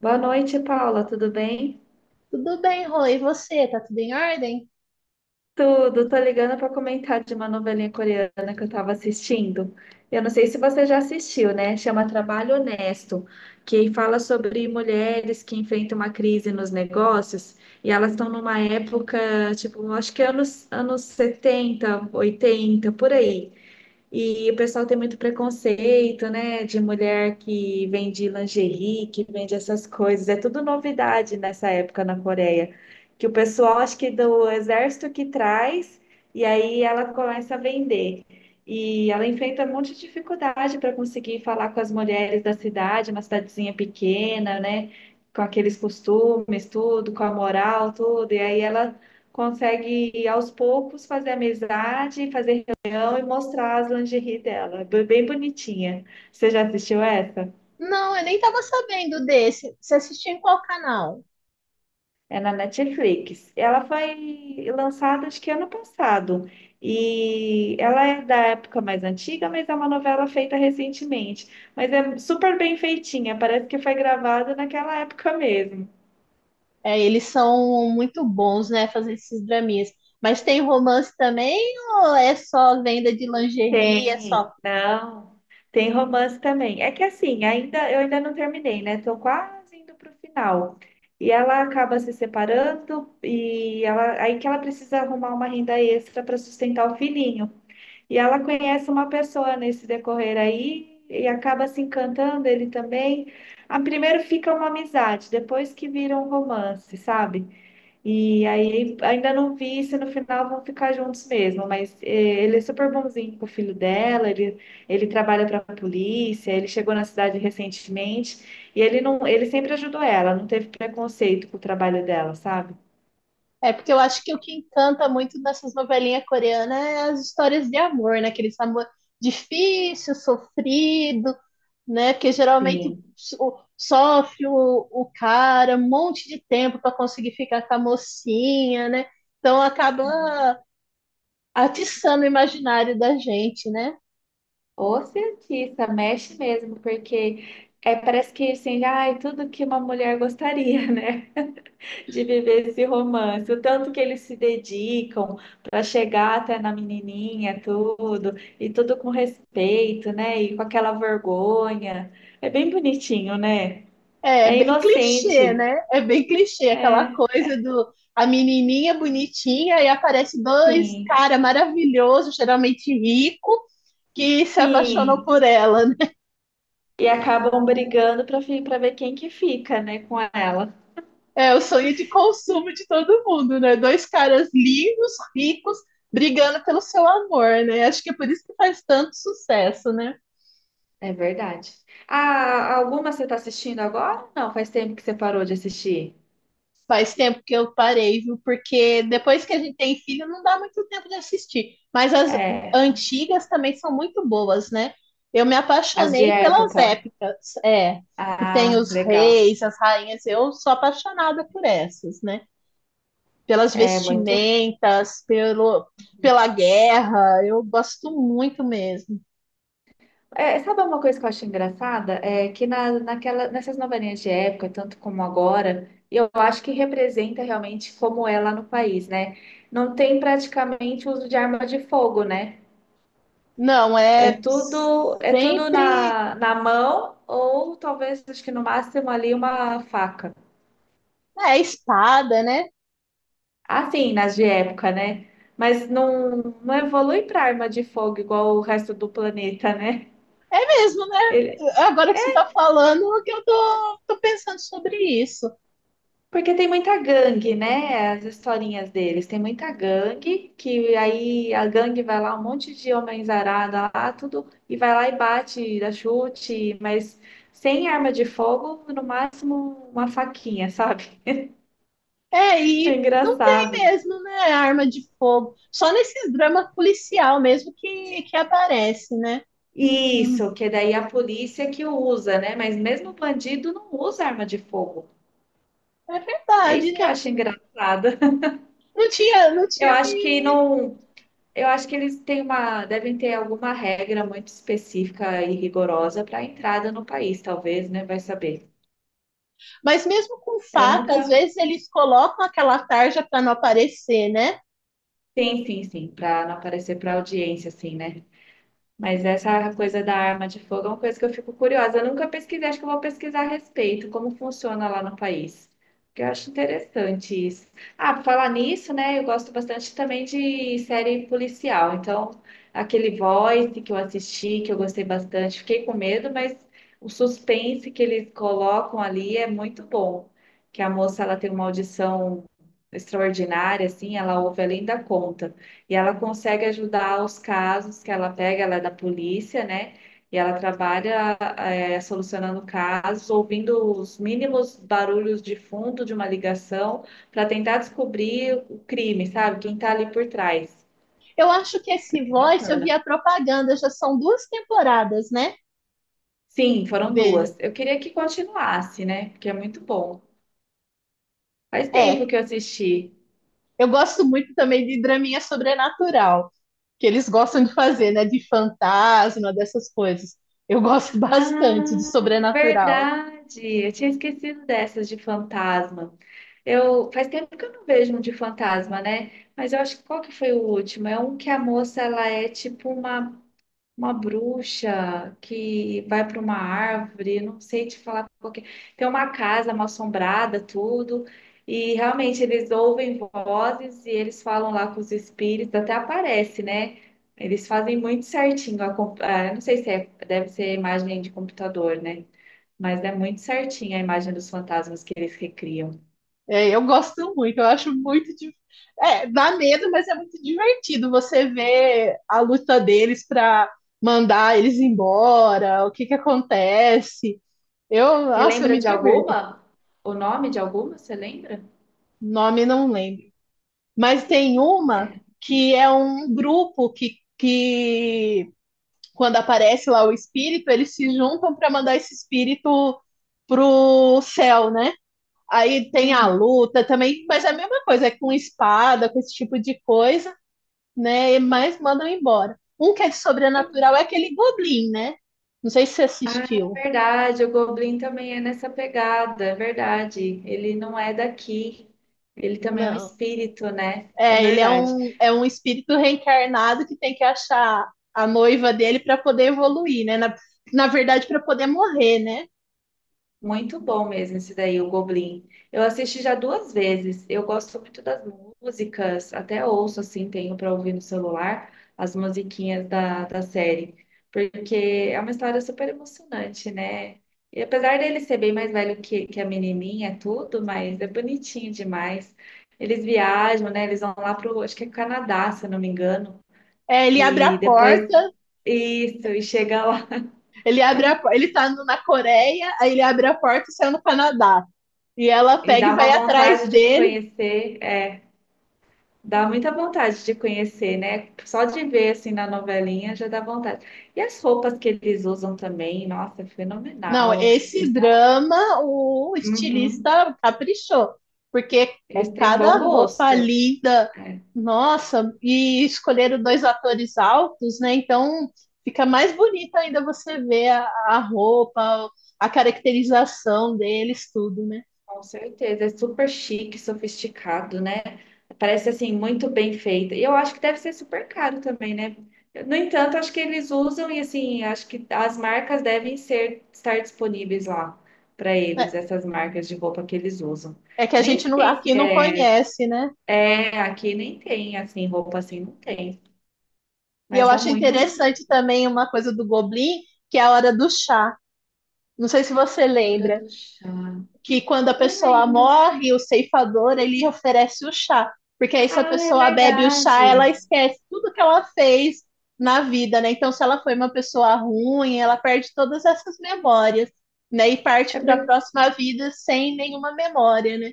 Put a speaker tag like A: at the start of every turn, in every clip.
A: Boa noite, Paula, tudo bem?
B: Tudo bem, Rô, e você? Tá tudo em ordem?
A: Tudo, tô ligando para comentar de uma novelinha coreana que eu estava assistindo. Eu não sei se você já assistiu, né? Chama Trabalho Honesto, que fala sobre mulheres que enfrentam uma crise nos negócios e elas estão numa época, tipo, acho que anos 70, 80, por aí. E o pessoal tem muito preconceito, né? De mulher que vende lingerie, que vende essas coisas. É tudo novidade nessa época na Coreia. Que o pessoal, acho que do exército que traz, e aí ela começa a vender. E ela enfrenta um monte de dificuldade para conseguir falar com as mulheres da cidade, uma cidadezinha pequena, né? Com aqueles costumes, tudo, com a moral, tudo. E aí ela consegue, aos poucos, fazer amizade, fazer e mostrar as lingerie dela. Bem bonitinha. Você já assistiu essa?
B: Não, eu nem tava sabendo desse. Você assistiu em qual canal?
A: É na Netflix. Ela foi lançada acho que ano passado. E ela é da época mais antiga, mas é uma novela feita recentemente. Mas é super bem feitinha, parece que foi gravada naquela época mesmo.
B: É, eles são muito bons, né, fazer esses draminhas. Mas tem romance também ou é só venda de lingerie, é só...
A: Tem, não. Tem romance também. É que assim, ainda eu ainda não terminei, né? Tô quase indo pro final. E ela acaba se separando e ela aí que ela precisa arrumar uma renda extra para sustentar o filhinho. E ela conhece uma pessoa nesse decorrer aí e acaba se encantando ele também. A primeiro fica uma amizade, depois que vira um romance, sabe? E aí ainda não vi se no final vão ficar juntos mesmo, mas ele é super bonzinho com o filho dela, ele trabalha para a polícia, ele chegou na cidade recentemente e ele não, ele sempre ajudou ela, não teve preconceito com o trabalho dela, sabe?
B: É, porque eu acho que o que encanta muito nessas novelinhas coreanas é as histórias de amor, né? Aquele amor difícil, sofrido, né? Porque geralmente
A: Sim.
B: sofre o cara um monte de tempo para conseguir ficar com a mocinha, né? Então acaba atiçando o imaginário da gente, né?
A: O cientista, mexe mesmo, porque é, parece que assim, ai, tudo que uma mulher gostaria, né? De viver esse romance, o tanto que eles se dedicam para chegar até na menininha, tudo, e tudo com respeito, né? E com aquela vergonha. É bem bonitinho, né?
B: É, é
A: É
B: bem clichê,
A: inocente.
B: né? É bem clichê aquela
A: É,
B: coisa do a menininha bonitinha e aparece dois
A: sim,
B: cara maravilhoso, geralmente rico que se apaixonam
A: sim.
B: por ela, né?
A: E acabam brigando para ver quem que fica, né, com ela.
B: É o sonho de consumo de todo mundo, né? Dois caras lindos, ricos, brigando pelo seu amor, né? Acho que é por isso que faz tanto sucesso, né?
A: É verdade. Ah, alguma você está assistindo agora? Não, faz tempo que você parou de assistir.
B: Faz tempo que eu parei, viu? Porque depois que a gente tem filho, não dá muito tempo de assistir. Mas as
A: É,
B: antigas também são muito boas, né? Eu me
A: as de
B: apaixonei pelas
A: época.
B: épicas, é, que tem
A: Ah,
B: os
A: legal.
B: reis, as rainhas. Eu sou apaixonada por essas, né? Pelas
A: É muito.
B: vestimentas, pelo, pela guerra. Eu gosto muito mesmo.
A: É, sabe uma coisa que eu acho engraçada? É que nessas novelinhas de época, tanto como agora, eu acho que representa realmente como é lá no país, né? Não tem praticamente uso de arma de fogo, né?
B: Não,
A: É
B: é
A: tudo,
B: sempre
A: na mão, ou talvez, acho que no máximo ali, uma faca.
B: é espada, né?
A: Assim, nas de época, né? Mas não, não evolui para arma de fogo igual o resto do planeta, né?
B: É mesmo, né? Agora que você tá falando, que eu tô pensando sobre isso.
A: Porque tem muita gangue, né? As historinhas deles. Tem muita gangue, que aí a gangue vai lá, um monte de homens arada lá, tudo, e vai lá e bate, dá chute, mas sem arma de fogo, no máximo uma faquinha, sabe?
B: É,
A: É
B: e não tem
A: engraçado.
B: mesmo, né? Arma de fogo. Só nesses dramas policial mesmo que aparece, né? Hum,
A: Isso, que daí a polícia que usa, né? Mas mesmo o bandido não usa arma de fogo.
B: é
A: É
B: verdade,
A: isso que eu
B: né?
A: acho engraçado.
B: Não tinha, não
A: Eu
B: tinha
A: acho
B: me...
A: que não. Eu acho que eles têm uma, devem ter alguma regra muito específica e rigorosa para a entrada no país, talvez, né? Vai saber.
B: Mas mesmo com
A: Eu
B: faca, às
A: nunca.
B: vezes eles colocam aquela tarja para não aparecer, né?
A: Sim, sim, sim, para não aparecer para audiência, assim, né? Mas essa coisa da arma de fogo é uma coisa que eu fico curiosa. Eu nunca pesquisei, acho que eu vou pesquisar a respeito, como funciona lá no país. Porque eu acho interessante isso. Ah, por falar nisso, né? Eu gosto bastante também de série policial. Então, aquele Voice que eu assisti, que eu gostei bastante, fiquei com medo, mas o suspense que eles colocam ali é muito bom. Que a moça ela tem uma audição extraordinária, assim, ela ouve além da conta. E ela consegue ajudar os casos que ela pega, ela é da polícia, né? E ela trabalha é, solucionando casos, ouvindo os mínimos barulhos de fundo de uma ligação para tentar descobrir o crime, sabe? Quem está ali por trás.
B: Eu acho que esse
A: É
B: Voice, eu
A: bacana.
B: vi a propaganda, já são duas temporadas, né?
A: Sim, foram
B: Dele.
A: duas. Eu queria que continuasse, né? Porque é muito bom. Faz
B: É,
A: tempo que eu assisti.
B: eu gosto muito também de draminha sobrenatural, que eles gostam de fazer, né? De fantasma, dessas coisas. Eu gosto bastante de
A: Ah, é
B: sobrenatural.
A: verdade. Eu tinha esquecido dessas de fantasma. Eu faz tempo que eu não vejo um de fantasma, né? Mas eu acho que qual que foi o último? É um que a moça ela é tipo uma bruxa que vai para uma árvore, não sei te falar qual que é. Tem uma casa mal assombrada, tudo. E realmente eles ouvem vozes e eles falam lá com os espíritos, até aparece, né? Eles fazem muito certinho. Eu não sei se é, deve ser imagem de computador, né? Mas é muito certinho a imagem dos fantasmas que eles recriam.
B: É, eu gosto muito, eu acho muito. É, dá medo, mas é muito divertido você ver a luta deles para mandar eles embora, o que que acontece. Eu,
A: Você
B: nossa, eu
A: lembra
B: me
A: de
B: divirto.
A: alguma? O nome de alguma? Você lembra?
B: Nome não lembro. Mas tem uma que é um grupo que quando aparece lá o espírito, eles se juntam para mandar esse espírito pro céu, né? Aí tem a
A: Hum.
B: luta também, mas é a mesma coisa, é com espada, com esse tipo de coisa, né? Mas mandam embora. Um que é
A: eu
B: sobrenatural é aquele Goblin, né? Não sei se você
A: Ah, é
B: assistiu.
A: verdade, o Goblin também é nessa pegada, é verdade. Ele não é daqui, ele também é um
B: Não.
A: espírito, né? É
B: É, ele
A: verdade.
B: é um espírito reencarnado que tem que achar a noiva dele para poder evoluir, né? Na, na verdade, para poder morrer, né?
A: Muito bom mesmo esse daí, o Goblin. Eu assisti já duas vezes. Eu gosto muito das músicas, até ouço assim, tenho para ouvir no celular as musiquinhas da série, porque é uma história super emocionante, né? E apesar dele ser bem mais velho que a menininha, é tudo, mas é bonitinho demais. Eles viajam, né? Eles vão lá pro, acho que é Canadá, se eu não me engano,
B: É, ele abre a
A: e depois
B: porta,
A: isso, e chega lá
B: ele abre ele na Coreia, aí ele abre a porta e sai no Canadá. E ela
A: e
B: pega e
A: dá
B: vai
A: uma
B: atrás
A: vontade de
B: dele.
A: conhecer. É, Dá muita vontade de conhecer, né? Só de ver assim na novelinha já dá vontade. E as roupas que eles usam também, nossa, é
B: Não,
A: fenomenal.
B: esse
A: Eles têm, um-.
B: drama o
A: Uhum.
B: estilista caprichou, porque é
A: Eles têm bom
B: cada roupa
A: gosto.
B: linda,
A: É,
B: nossa, e escolheram dois atores altos, né? Então fica mais bonita ainda você ver a roupa, a caracterização deles, tudo, né?
A: com certeza. É super chique, sofisticado, né? Parece assim muito bem feita. E eu acho que deve ser super caro também, né? No entanto, acho que eles usam e assim, acho que as marcas devem ser estar disponíveis lá para
B: É,
A: eles, essas marcas de roupa que eles usam.
B: é que a gente
A: Nem sei.
B: aqui não conhece, né?
A: É, aqui nem tem, assim, roupa assim não tem.
B: E
A: Mas
B: eu
A: são
B: acho
A: muito bonitas.
B: interessante também uma coisa do Goblin, que é a hora do chá. Não sei se você
A: Hora
B: lembra.
A: do chá.
B: Que quando a
A: Não
B: pessoa
A: lembro.
B: morre, o ceifador ele oferece o chá, porque aí se a
A: Ah, é
B: pessoa bebe o chá, ela
A: verdade.
B: esquece tudo que ela fez na vida, né? Então, se ela foi uma pessoa ruim, ela perde todas essas memórias, né? E parte
A: É
B: para a
A: por-,
B: próxima vida sem nenhuma memória, né?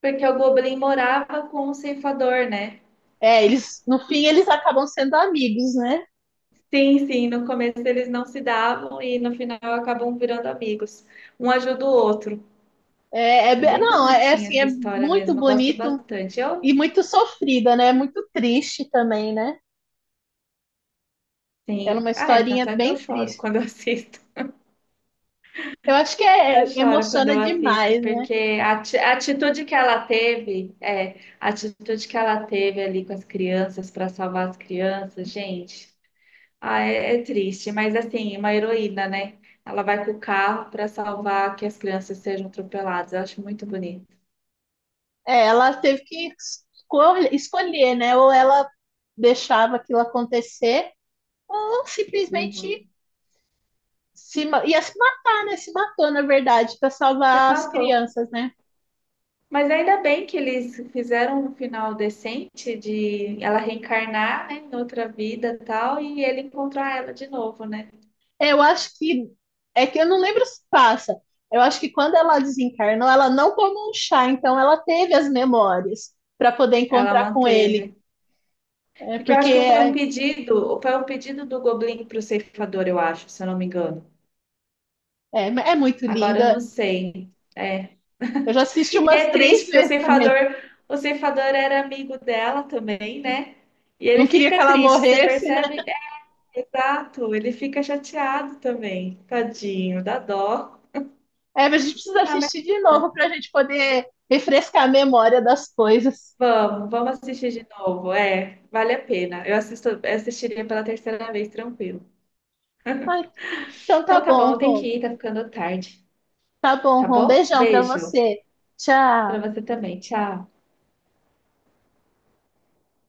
A: porque o Goblin morava com o ceifador, né?
B: É, eles, no fim, eles acabam sendo amigos, né?
A: Sim, sim. No começo eles não se davam e no final acabam virando amigos. Um ajuda o outro.
B: É,
A: É bem
B: não, é
A: bonitinha
B: assim,
A: essa
B: é
A: história
B: muito
A: mesmo. Eu gosto
B: bonito
A: bastante. Eu,
B: e muito sofrida, né? É muito triste também, né? É
A: sim.
B: uma
A: Ah, é, tanto
B: historinha
A: é que eu
B: bem
A: choro
B: triste.
A: quando eu assisto.
B: Eu acho que
A: Eu
B: é,
A: choro quando
B: emociona
A: eu assisto,
B: demais, né?
A: porque a atitude que ela teve, é, a atitude que ela teve ali com as crianças para salvar as crianças, gente, ah, é, é triste, mas assim, uma heroína, né? Ela vai com o carro para salvar que as crianças sejam atropeladas. Eu acho muito bonito.
B: É, ela teve que escolher, né? Ou ela deixava aquilo acontecer, ou simplesmente
A: Uhum.
B: se, ia se matar, né? Se matou, na verdade, para
A: Me
B: salvar as
A: matou.
B: crianças, né?
A: Mas ainda bem que eles fizeram um final decente de ela reencarnar, né, em outra vida e tal, e ele encontrar ela de novo, né?
B: É, eu acho que... É que eu não lembro se passa. Eu acho que quando ela desencarnou, ela não tomou um chá, então ela teve as memórias para poder
A: Ela
B: encontrar com ele.
A: manteve.
B: É,
A: Porque eu acho que foi um pedido, do Goblin pro ceifador, eu acho, se eu não me engano.
B: é muito
A: Agora eu
B: linda.
A: não sei. É.
B: Eu já assisti
A: E
B: umas
A: é
B: três
A: triste porque o
B: vezes também.
A: ceifador, era amigo dela também, né? E
B: Não
A: ele
B: queria que
A: fica
B: ela
A: triste, você
B: morresse, né?
A: percebe? É, exato, ele fica chateado também. Tadinho, dá dó.
B: É, mas a gente precisa
A: Ah, mas tá
B: assistir de
A: bom,
B: novo para a gente poder refrescar a memória das coisas.
A: vamos assistir de novo. É, vale a pena. Eu assisto, assistiria pela terceira vez, tranquilo.
B: Ai, então tá
A: Então tá bom,
B: bom,
A: eu tenho
B: Rô.
A: que ir, tá ficando tarde.
B: Tá bom,
A: Tá
B: Rô. Um
A: bom?
B: beijão para
A: Beijo.
B: você.
A: Para
B: Tchau.
A: você também. Tchau.